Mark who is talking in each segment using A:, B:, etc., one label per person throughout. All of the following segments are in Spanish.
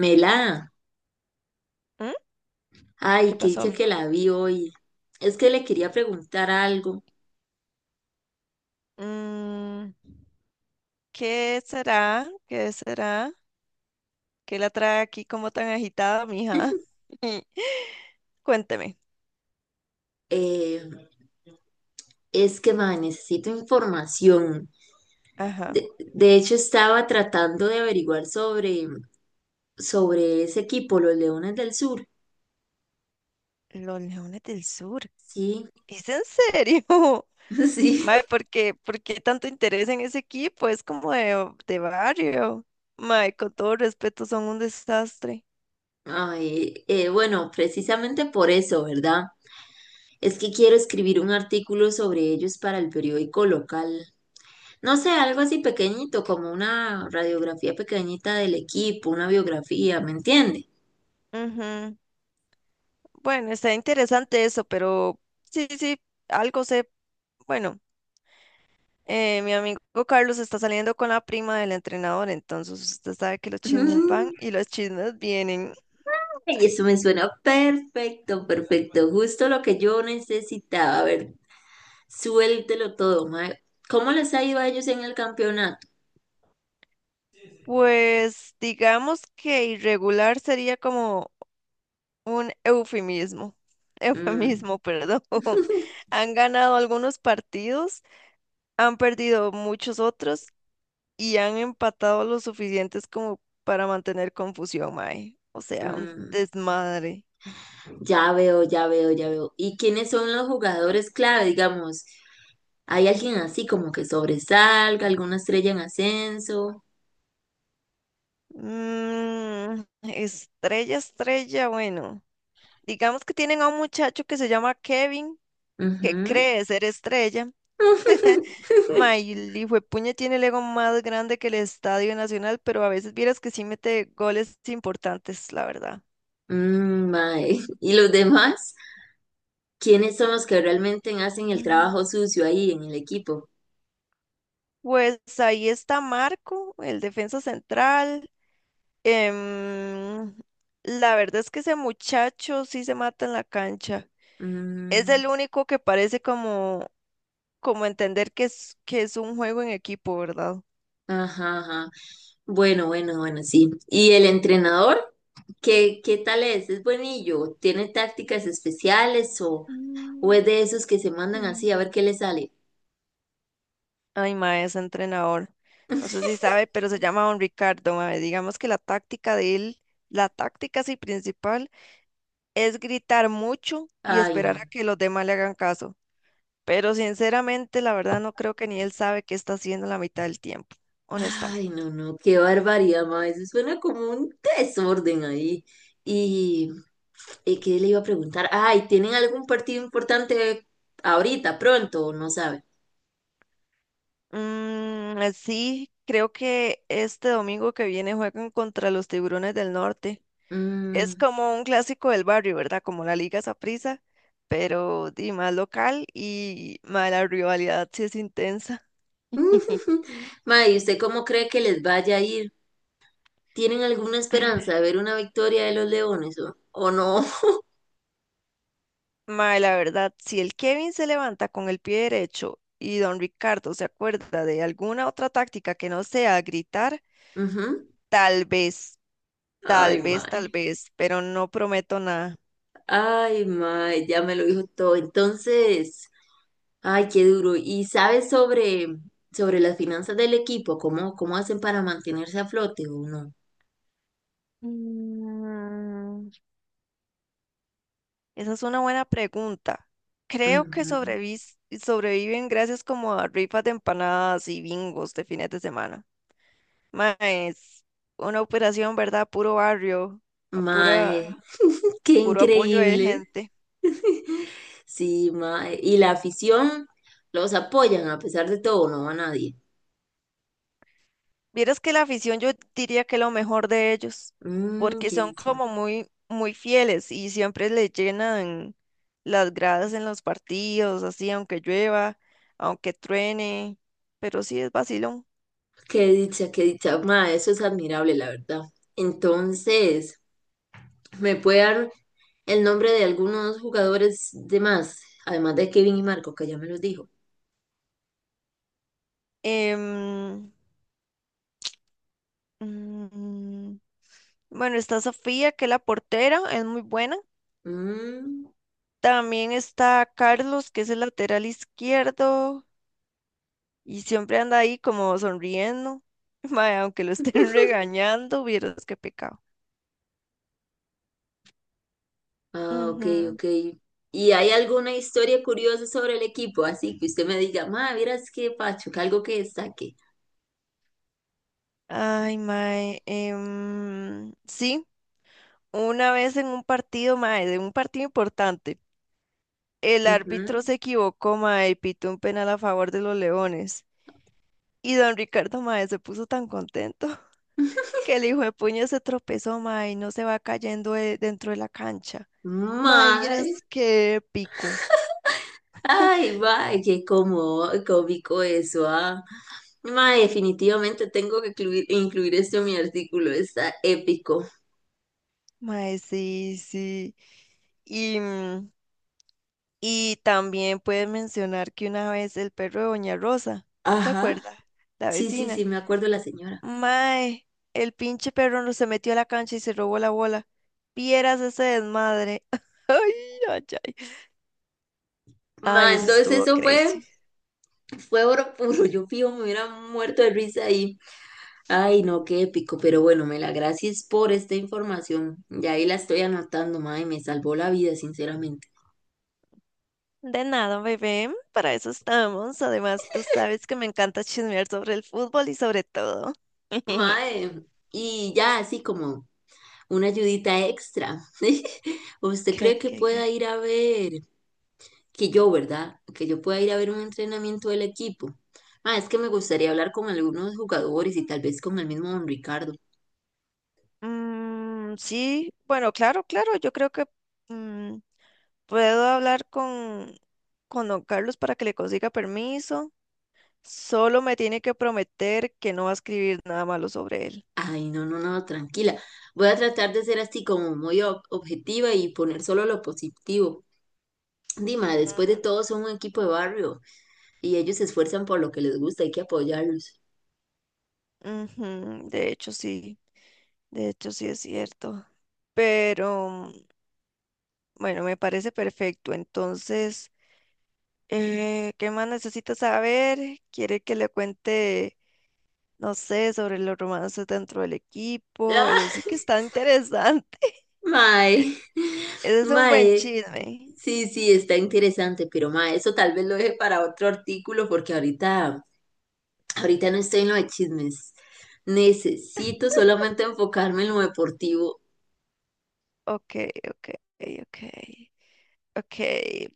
A: Mela,
B: ¿Mm? ¿Qué
A: ay, qué
B: pasó,
A: dicha
B: mía?
A: que la vi hoy. Es que le quería preguntar algo.
B: Mm, ¿qué será? ¿Qué será? ¿Qué la trae aquí como tan agitada, mija? Cuénteme.
A: Eh, es que, ma, necesito información.
B: Ajá.
A: De, de hecho, estaba tratando de averiguar sobre ese equipo, los Leones del Sur.
B: Los leones del sur.
A: Sí,
B: ¿Es en serio?
A: sí.
B: Mae, ¿por qué tanto interés en ese equipo? Es como de barrio. Mae, con todo respeto, son un desastre.
A: Ay, bueno, precisamente por eso, ¿verdad? Es que quiero escribir un artículo sobre ellos para el periódico local. No sé, algo así pequeñito, como una radiografía pequeñita del equipo, una biografía, ¿me entiende?
B: Ujú. Bueno, está interesante eso, pero sí, sí, algo sé. Bueno. Mi amigo Carlos está saliendo con la prima del entrenador, entonces usted sabe que los chismes
A: Mm.
B: van y los chismes vienen.
A: Y eso me suena perfecto, perfecto, justo lo que yo necesitaba. A ver, suéltelo todo, mae. ¿Cómo les ha ido a ellos en el campeonato?
B: Pues digamos que irregular sería como un eufemismo,
A: Mm.
B: eufemismo, perdón. Han ganado algunos partidos, han perdido muchos otros y han empatado lo suficientes como para mantener confusión, mae. O sea, un
A: Mm,
B: desmadre.
A: ya veo, ya veo, ya veo. ¿Y quiénes son los jugadores clave, digamos? ¿Hay alguien así como que sobresalga, alguna estrella en ascenso?
B: Mm, estrella, estrella, bueno. Digamos que tienen a un muchacho que se llama Kevin, que
A: Ujú.
B: cree ser estrella. Ma, y el hijuepuña tiene el ego más grande que el Estadio Nacional, pero a veces vieras que sí mete goles importantes, la verdad.
A: Mm, mae. ¿Y los demás? ¿Quiénes son los que realmente hacen el trabajo
B: Mm.
A: sucio ahí en el equipo?
B: Pues ahí está Marco, el defensa central. Em, la verdad es que ese muchacho sí se mata en la cancha. Es
A: Mm,
B: el único que parece como, como entender que es un juego en equipo, ¿verdad?
A: ajá, ajá. Bueno, bueno, bueno, sí. ¿Y el entrenador? ¿Qué tal es? ¿Es buenillo? ¿Tiene tácticas especiales o es de esos que se mandan así a ver qué le sale?
B: Ay, mae, es entrenador. No sé si sabe, pero se llama Don Ricardo, mae. Digamos que la táctica de él, la táctica sí principal, es gritar mucho y
A: Ay,
B: esperar a
A: no.
B: que los demás le hagan caso. Pero sinceramente, la verdad, no creo que ni él sabe qué está haciendo la mitad del tiempo, honestamente.
A: Ay, no, no, qué barbaridad, ma. Eso suena como un desorden ahí. Y, y ¿qué le iba a preguntar? Ay, ¿tienen algún partido importante ahorita, pronto? ¿O no sabe?
B: Mm, sí, creo que este domingo que viene juegan contra los Tiburones del Norte. Es
A: Mm.
B: como un clásico del barrio, ¿verdad? Como la Liga Saprissa, pero di, más local y mae, la rivalidad sí es intensa.
A: Ma, ¿y usted cómo cree que les vaya a ir? ¿Tienen alguna esperanza de ver una victoria de los Leones o no?
B: Mae, la verdad, si el Kevin se levanta con el pie derecho y don Ricardo se acuerda de alguna otra táctica que no sea gritar,
A: Ujú.
B: tal vez, tal
A: Ay,
B: vez, tal
A: mae.
B: vez, pero no prometo nada.
A: Ay, mae, ya me lo dijo todo. Entonces. Ay, qué duro. ¿Y sabes sobre las finanzas del equipo? ¿Cómo, cómo hacen para mantenerse a flote o no?
B: Mm, esa es una buena pregunta. Creo que
A: Ujú.
B: sobreviven gracias como a rifas de empanadas y bingos de fines de semana. Más una operación, ¿verdad? Puro barrio, a pura,
A: Mae, qué
B: puro apoyo de
A: increíble.
B: gente.
A: Sí, mae. Y la afición los apoyan a pesar de todo, no va nadie.
B: Vieras que la afición yo diría que lo mejor de ellos,
A: Mm,
B: porque
A: qué
B: son
A: dicha.
B: como muy, muy fieles y siempre le llenan las gradas en los partidos, así, aunque llueva, aunque truene, pero sí es vacilón.
A: Qué dicha, qué dicha. Ma, eso es admirable, la verdad. Entonces, ¿me puede dar el nombre de algunos jugadores de más? Además de Kevin y Marco, que ya me los dijo.
B: Em, Mm, bueno, está Sofía, que es la portera, es muy buena.
A: Mm.
B: También está Carlos, que es el lateral izquierdo y siempre anda ahí como sonriendo. Mae, aunque lo estén regañando, vieras qué pecado.
A: Ah, ok,
B: Ujú.
A: ok. ¿Y hay alguna historia curiosa sobre el equipo? Así que usted me diga, ma, miras qué pacho, que algo que destaque.
B: Ay, mae. Sí, una vez en un partido, mae, de un partido importante, el
A: Ujú.
B: árbitro se equivocó, mae, y pitó un penal a favor de los Leones. Y don Ricardo, mae, se puso tan contento, que el hijo de puña se tropezó, mae, y no se va cayendo dentro de la cancha. Mae,
A: Mae,
B: vieras qué pico.
A: ay, mae, qué cómico eso, ah. Mae, definitivamente tengo que incluir esto en mi artículo, está épico.
B: Mae, sí, sí. Y, mm, y también puedes mencionar que una vez el perro de Doña Rosa, ¿se
A: Ajá,
B: acuerda? La
A: sí, sí,
B: vecina.
A: sí, me acuerdo la señora.
B: Mae, el pinche perro no se metió a la cancha y se robó la bola. Vieras ese desmadre. Ay, ay, ay. Ay,
A: Mae,
B: eso
A: entonces
B: estuvo
A: eso
B: crazy.
A: fue oro puro, yo fijo, me hubiera muerto de risa ahí. Ay, no, qué épico, pero bueno, Mela, gracias por esta información. Ya ahí la estoy anotando, mae, me salvó la vida, sinceramente.
B: De nada, bebé, para eso estamos. Además, tú sabes que me encanta chismear sobre el fútbol y sobre todo.
A: Mae, y ya así como una ayudita extra. ¿Usted cree
B: ¿Cree
A: que pueda
B: que-
A: ir a ¿verdad? Que yo pueda ir a ver un entrenamiento del equipo. Mae, es que me gustaría hablar con algunos jugadores y tal vez con el mismo don Ricardo.
B: mm, sí, bueno, claro, claro, yo creo que mm, puedo hablar con don Carlos para que le consiga permiso. Solo me tiene que prometer que no va a escribir nada malo sobre él.
A: Ay, no, no, no, tranquila. Voy a tratar de ser así como muy objetiva y poner solo lo positivo. Dima, después de
B: Mm,
A: todo son un equipo de barrio y ellos se esfuerzan por lo que les gusta, hay que apoyarlos.
B: Ujú. De hecho, sí es cierto. Pero, mm, bueno, me parece perfecto. Entonces... ¿Qué más necesita saber? ¿Quiere que le cuente, no sé, sobre los romances dentro del equipo? Eso sí
A: Ah,
B: que está interesante.
A: mae,
B: Ese es un buen
A: mae,
B: chisme.
A: sí, sí, está interesante, pero mae, eso tal vez lo deje para otro artículo, ahorita no estoy en lo de chismes. Necesito solamente enfocarme en lo deportivo.
B: Ok, ok, ok. Ok,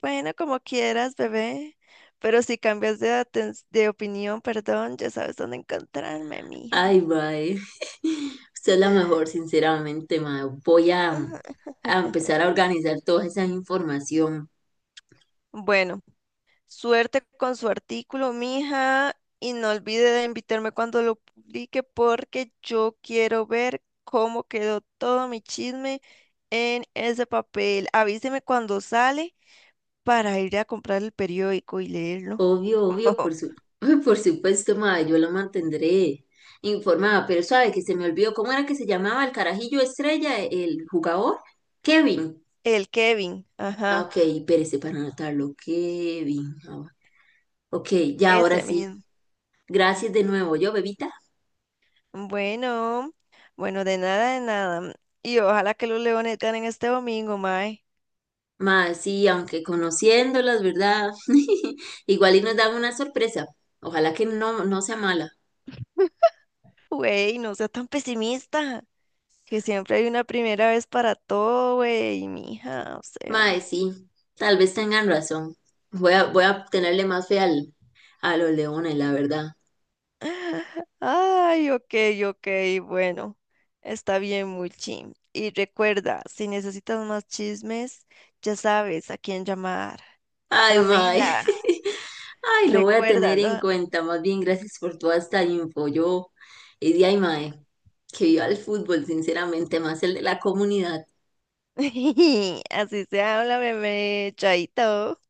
B: bueno, como quieras, bebé. Pero si cambias de, de opinión, perdón, ya sabes dónde encontrarme, mija.
A: Ay, mae, usted es la mejor, sinceramente, mae.
B: Ajá.
A: A empezar a organizar toda esa información.
B: Bueno. Suerte con su artículo, mija, y no olvide de invitarme cuando lo publique porque yo quiero ver cómo quedó todo mi chisme en ese papel. Avíseme cuando sale para ir a comprar el periódico y leerlo.
A: Obvio, obvio, por supuesto, madre, yo lo mantendré informada, pero sabe que se me olvidó cómo era que se llamaba el carajillo estrella, el jugador, Kevin.
B: El Kevin,
A: Ah,
B: ajá,
A: ok, espérese para anotarlo, Kevin. Ah, ok, ya ahora
B: ese
A: sí.
B: mismo.
A: Gracias de nuevo, yo, bebita.
B: Bueno, bueno, de nada, de nada. Y ojalá que los leones ganen este domingo, mae.
A: Madre sí, aunque conociéndolas, ¿verdad? Igual y nos dan una sorpresa. Ojalá que no, no sea mala.
B: Güey, no sea tan pesimista. Que siempre hay una primera vez para todo, güey, mija, o
A: Madre
B: sea.
A: sí, tal vez tengan razón. Voy a tenerle más fe a los leones, la verdad.
B: Ay, ok, ok, bueno, está bien, Mulchi. Y recuerda, si necesitas más chismes, ya sabes a quién llamar.
A: Ay, mae.
B: Amela,
A: Ay, lo voy a tener
B: recuérdalo.
A: en cuenta. Más bien, gracias por toda esta info. Yo, y de ay, mae, que viva el fútbol, sinceramente, más el de la comunidad.
B: Así se habla, bebé, chaito.